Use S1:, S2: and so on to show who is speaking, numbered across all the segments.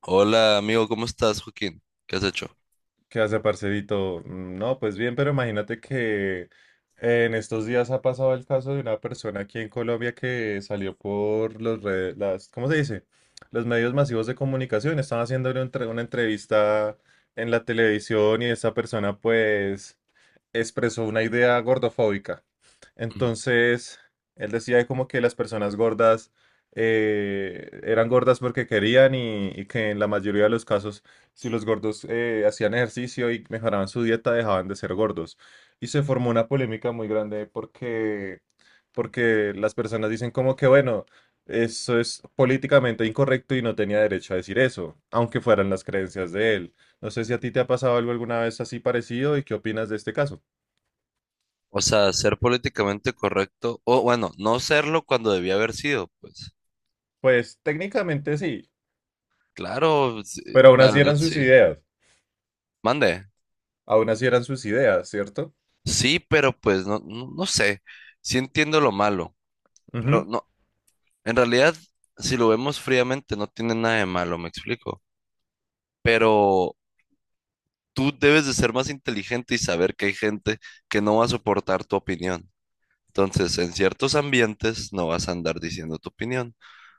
S1: Hola amigo, ¿cómo estás, Joaquín? ¿Qué has hecho?
S2: ¿Qué hace, parcerito? Mm, no, pues bien, pero imagínate que en estos días ha pasado el caso de una persona aquí en Colombia que salió por los redes, las, ¿cómo se dice? Los medios masivos de comunicación. Estaban haciéndole una entrevista en la televisión y esta persona, pues, expresó una idea gordofóbica.
S1: Ujú.
S2: Entonces, él decía como que las personas gordas eran gordas porque querían y que en la mayoría de los casos, si los gordos hacían ejercicio y mejoraban su dieta, dejaban de ser gordos. Y se formó una polémica muy grande porque las personas dicen como que, bueno, eso es políticamente incorrecto y no tenía derecho a decir eso, aunque fueran las creencias de él. No sé si a ti te ha pasado algo alguna vez así parecido y qué opinas de este caso.
S1: O sea, ser políticamente correcto, o bueno, no serlo cuando debía haber sido, pues.
S2: Pues técnicamente sí,
S1: Claro, sí,
S2: pero aún
S1: la
S2: así
S1: verdad
S2: eran sus
S1: sí.
S2: ideas,
S1: Mande.
S2: aún así eran sus ideas, ¿cierto?
S1: Sí, pero pues no sé. Sí entiendo lo malo, pero
S2: Ujú.
S1: no, en realidad, si lo vemos fríamente, no tiene nada de malo, me explico. Pero tú debes de ser más inteligente y saber que hay gente que no va a soportar tu opinión. Entonces, en ciertos ambientes no vas a andar diciendo tu opinión.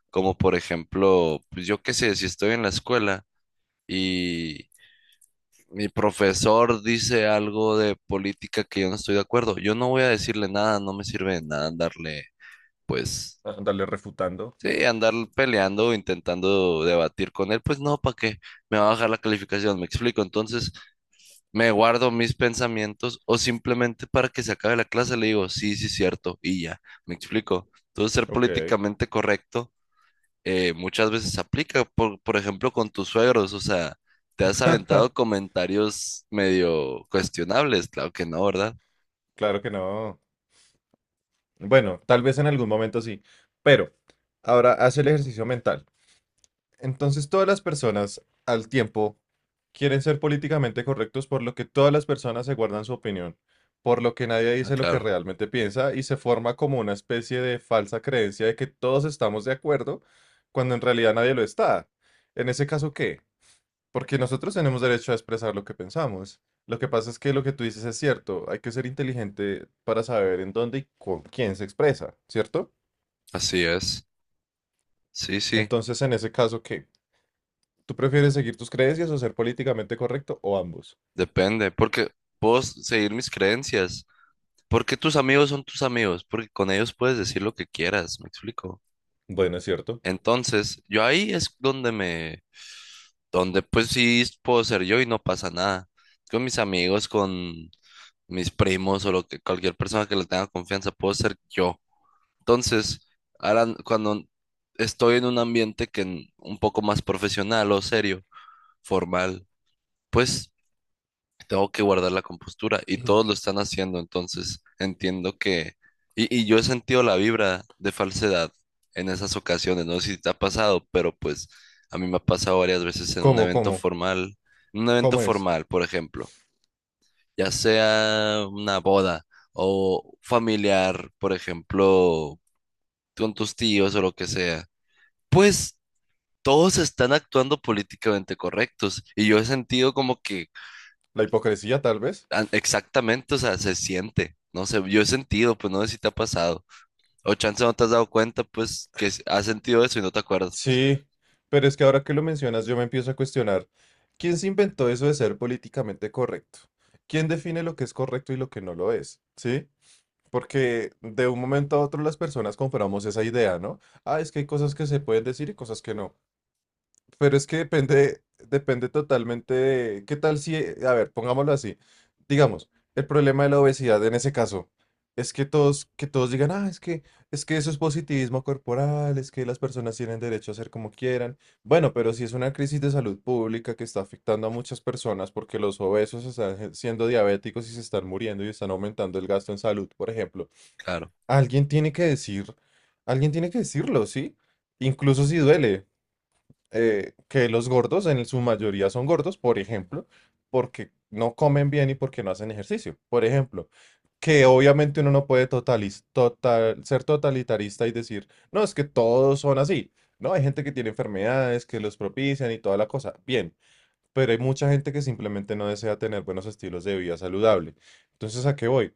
S1: Como por ejemplo, pues yo qué sé, si estoy en la escuela y mi profesor dice algo de política que yo no estoy de acuerdo, yo no voy a decirle nada, no me sirve de nada andarle, pues,
S2: Ajá. Andarle refutando.
S1: sí, andar peleando, intentando debatir con él, pues no, ¿para qué? Me va a bajar la calificación, me explico. Entonces, me guardo mis pensamientos o simplemente para que se acabe la clase le digo, sí, sí, cierto, y ya, me explico. Entonces, ser
S2: Ok.
S1: políticamente correcto muchas veces aplica, por ejemplo, con tus suegros, o sea, te has aventado comentarios medio cuestionables, claro que no, ¿verdad?
S2: Claro que no. Bueno, tal vez en algún momento sí, pero ahora haz el ejercicio mental. Entonces todas las personas al tiempo quieren ser políticamente correctos por lo que todas las personas se guardan su opinión, por lo que nadie
S1: Ah,
S2: dice lo que
S1: claro,
S2: realmente piensa y se forma como una especie de falsa creencia de que todos estamos de acuerdo cuando en realidad nadie lo está. En ese caso, ¿qué? Porque nosotros tenemos derecho a expresar lo que pensamos. Lo que pasa es que lo que tú dices es cierto. Hay que ser inteligente para saber en dónde y con quién se expresa, ¿cierto?
S1: así es. Sí, sí,
S2: Entonces, en ese caso, ¿qué? ¿Tú prefieres seguir tus creencias o ser políticamente correcto o ambos?
S1: depende, porque seguir mis creencias, porque tus amigos son tus amigos, porque con ellos puedes decir lo que quieras, ¿me explico?
S2: Bueno, es cierto.
S1: Entonces, yo ahí es donde me, donde pues sí puedo ser yo y no pasa nada. Con mis amigos, con mis primos o lo que, cualquier persona que le tenga confianza, puedo ser yo. Entonces, ahora cuando estoy en un ambiente un poco más profesional o serio, formal, pues tengo que guardar la compostura y todos lo están haciendo, entonces entiendo que... Y yo he sentido la vibra de falsedad en esas ocasiones, no sé si te ha pasado, pero pues a mí me ha pasado varias veces en un
S2: ¿Cómo,
S1: evento
S2: cómo?
S1: formal, en un evento
S2: ¿Cómo es?
S1: formal, por ejemplo, ya sea una boda o familiar, por ejemplo, con tus tíos o lo que sea. Pues todos están actuando políticamente correctos y yo he sentido como que
S2: ¿La hipocresía, tal vez?
S1: exactamente, o sea, se siente, no sé, yo he sentido, pues no sé si te ha pasado o chance no te has dado cuenta, pues has sentido eso y no te acuerdas, pues
S2: Sí, pero es que ahora que lo mencionas yo me empiezo a cuestionar. ¿Quién se inventó eso de ser políticamente correcto? ¿Quién define lo que es correcto y lo que no lo es? ¿Sí? Porque de un momento a otro las personas compramos esa idea, ¿no? Ah, es que hay cosas que se pueden decir y cosas que no. Pero es que depende totalmente de, ¿qué tal si, a ver, pongámoslo así. Digamos, el problema de la obesidad en ese caso es que que todos digan, ah, es que eso es positivismo corporal, es que las personas tienen derecho a hacer como quieran. Bueno, pero si es una crisis de salud pública que está afectando a muchas personas porque los obesos están siendo diabéticos y se están muriendo y están aumentando el gasto en salud, por ejemplo.
S1: claro.
S2: Alguien tiene que decir, alguien tiene que decirlo, ¿sí? Incluso si duele, que los gordos en su mayoría son gordos, por ejemplo, porque no comen bien y porque no hacen ejercicio, por ejemplo, que obviamente uno no puede ser totalitarista y decir, no, es que todos son así, ¿no? Hay gente que tiene enfermedades que los propician y toda la cosa, bien pero hay mucha gente que simplemente no desea tener buenos estilos de vida saludable. Entonces, ¿a qué voy?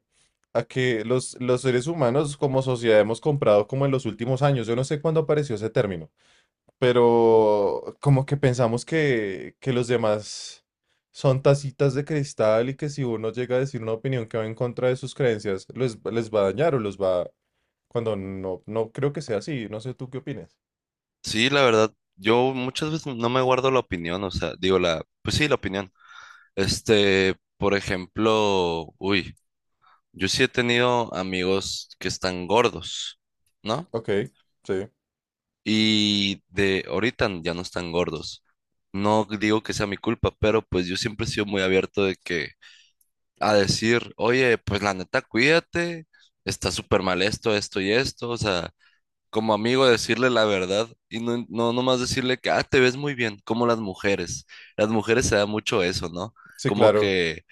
S2: A que los seres humanos como sociedad hemos comprado como en los últimos años, yo no sé cuándo apareció ese término, pero como que pensamos que los demás son tacitas de cristal y que si uno llega a decir una opinión que va en contra de sus creencias, les va a dañar o los va. Cuando no, no creo que sea así, no sé tú qué opinas.
S1: Sí, la verdad, yo muchas veces no me guardo la opinión, o sea, digo la, pues sí, la opinión. Este, por ejemplo, uy, yo sí he tenido amigos que están gordos, ¿no?
S2: Ok, sí,
S1: Y de ahorita ya no están gordos. No digo que sea mi culpa, pero pues yo siempre he sido muy abierto de que a decir, oye, pues la neta, cuídate, está súper mal esto, esto y esto. O sea, como amigo decirle la verdad y no nomás decirle que, ah, te ves muy bien, como las mujeres. Las mujeres se da mucho eso, ¿no?
S2: sí,
S1: Como
S2: claro,
S1: que,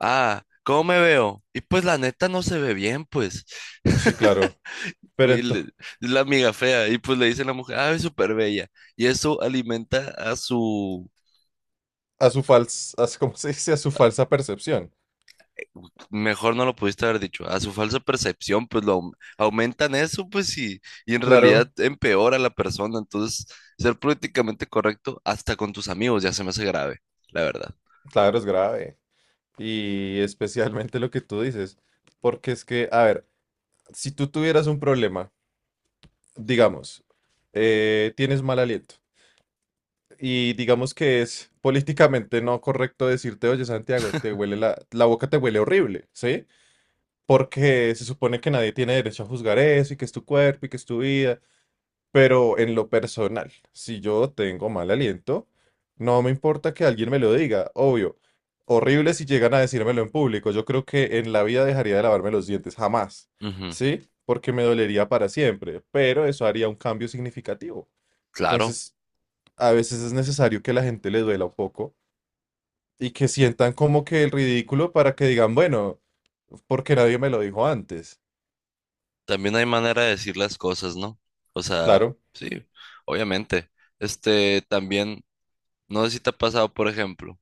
S1: ah, ¿cómo me veo? Y pues la neta no se ve bien, pues.
S2: sí, claro. Pero
S1: Güey, le-
S2: entonces.
S1: es la amiga fea. Y pues le dice la mujer, ah, es súper bella. Y eso alimenta a su,
S2: A su falsa, ¿cómo se dice? A su falsa percepción.
S1: mejor no lo pudiste haber dicho, a su falsa percepción, pues aumentan eso, pues y en realidad
S2: Claro,
S1: empeora a la persona. Entonces, ser políticamente correcto hasta con tus amigos ya se me hace grave, la verdad.
S2: claro, es grave. Y especialmente lo que tú dices, porque es que, a ver, si tú tuvieras un problema, digamos, tienes mal aliento y digamos que es políticamente no correcto decirte, oye, Santiago, te huele la boca te huele horrible, ¿sí? Porque se supone que nadie tiene derecho a juzgar eso y que es tu cuerpo y que es tu vida. Pero en lo personal, si yo tengo mal aliento, no me importa que alguien me lo diga, obvio. Horrible si llegan a decírmelo en público. Yo creo que en la vida dejaría de lavarme los dientes, jamás.
S1: Ujú,
S2: ¿Sí? Porque me dolería para siempre, pero eso haría un cambio significativo.
S1: claro,
S2: Entonces, a veces es necesario que la gente le duela un poco y que sientan como que el ridículo para que digan, bueno, porque nadie me lo dijo antes.
S1: también hay manera de decir las cosas, ¿no? O sea,
S2: Claro,
S1: sí, obviamente. Este, también. No sé si te ha pasado, por ejemplo,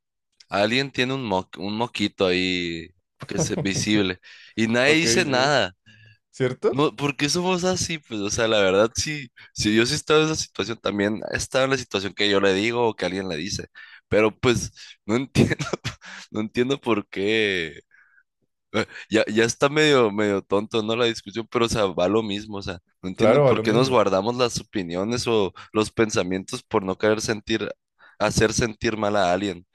S1: alguien tiene un moquito ahí que es visible y nadie
S2: ok,
S1: dice
S2: sí,
S1: nada.
S2: ¿cierto?
S1: No, ¿por qué somos así? Pues, o sea, la verdad, sí, si yo sí he estado en esa situación, también he estado en la situación que yo le digo o que alguien le dice. Pero pues no entiendo, no entiendo por qué. Ya, ya está medio tonto, ¿no? La discusión, pero o sea, va lo mismo. O sea, no entiendo
S2: Claro, a
S1: por
S2: lo
S1: qué nos
S2: mismo.
S1: guardamos las opiniones o los pensamientos por no querer sentir, hacer sentir mal a alguien.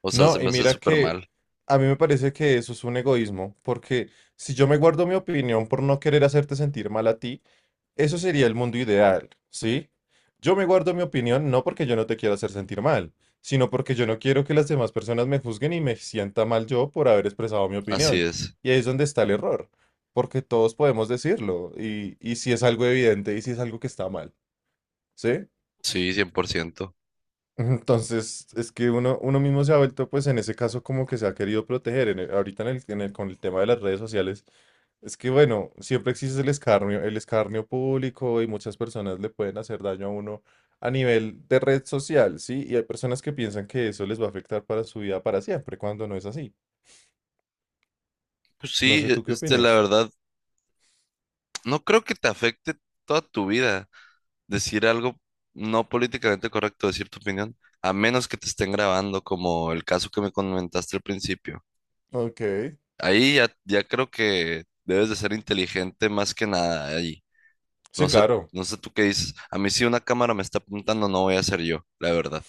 S1: O sea, se
S2: No, y
S1: me hace
S2: mira
S1: súper
S2: que
S1: mal.
S2: a mí me parece que eso es un egoísmo, porque si yo me guardo mi opinión por no querer hacerte sentir mal a ti, eso sería el mundo ideal, ¿sí? Yo me guardo mi opinión no porque yo no te quiera hacer sentir mal, sino porque yo no quiero que las demás personas me juzguen y me sienta mal yo por haber expresado mi
S1: Así
S2: opinión.
S1: es.
S2: Y ahí es donde está el error, porque todos podemos decirlo, y si es algo evidente y si es algo que está mal, ¿sí?
S1: Sí, 100%.
S2: Entonces, es que uno mismo se ha vuelto, pues en ese caso, como que se ha querido proteger. Ahorita con el tema de las redes sociales, es que bueno, siempre existe el escarnio público y muchas personas le pueden hacer daño a uno a nivel de red social, ¿sí? Y hay personas que piensan que eso les va a afectar para su vida para siempre, cuando no es así.
S1: Pues
S2: No
S1: sí,
S2: sé tú qué
S1: este, la
S2: opines.
S1: verdad, no creo que te afecte toda tu vida decir algo no políticamente correcto, decir tu opinión, a menos que te estén grabando, como el caso que me comentaste al principio.
S2: Ok.
S1: Ahí ya, ya creo que debes de ser inteligente más que nada ahí.
S2: Sí,
S1: No sé,
S2: claro.
S1: no sé tú qué dices. A mí si una cámara me está apuntando, no voy a ser yo, la verdad.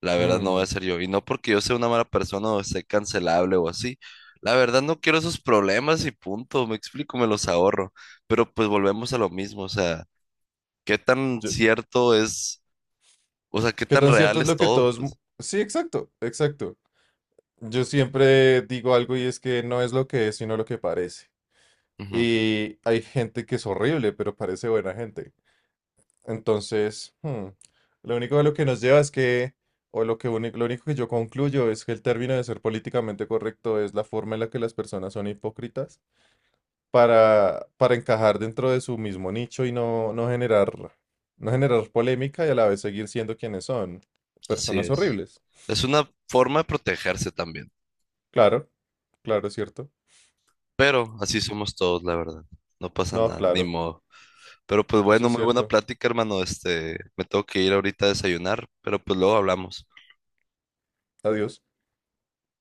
S1: La verdad no voy a
S2: Mm,
S1: ser yo. Y no porque yo sea una mala persona o sea cancelable o así. La verdad no quiero esos problemas y punto. Me explico, me los ahorro. Pero pues volvemos a lo mismo. O sea, ¿qué tan
S2: yo-
S1: cierto es? O sea, ¿qué
S2: ¿Qué
S1: tan
S2: tan
S1: real
S2: cierto es
S1: es
S2: lo que
S1: todo?
S2: todos.
S1: Pues
S2: Sí, exacto, exacto. Yo siempre digo algo y es que no es lo que es, sino lo que parece.
S1: ujú,
S2: Y hay gente que es horrible, pero parece buena gente. Entonces, lo único de lo que nos lleva es que, o lo que lo único que yo concluyo es que el término de ser políticamente correcto es la forma en la que las personas son hipócritas para encajar dentro de su mismo nicho y no generar polémica y a la vez seguir siendo quienes son,
S1: así
S2: personas
S1: es.
S2: horribles.
S1: Es una forma de protegerse también.
S2: Claro, claro, es cierto.
S1: Pero así somos todos, la verdad. No pasa
S2: No,
S1: nada, ni
S2: claro,
S1: modo. Pero pues
S2: eso
S1: bueno,
S2: es
S1: muy buena
S2: cierto.
S1: plática, hermano. Este, me tengo que ir ahorita a desayunar, pero pues luego hablamos.
S2: Adiós.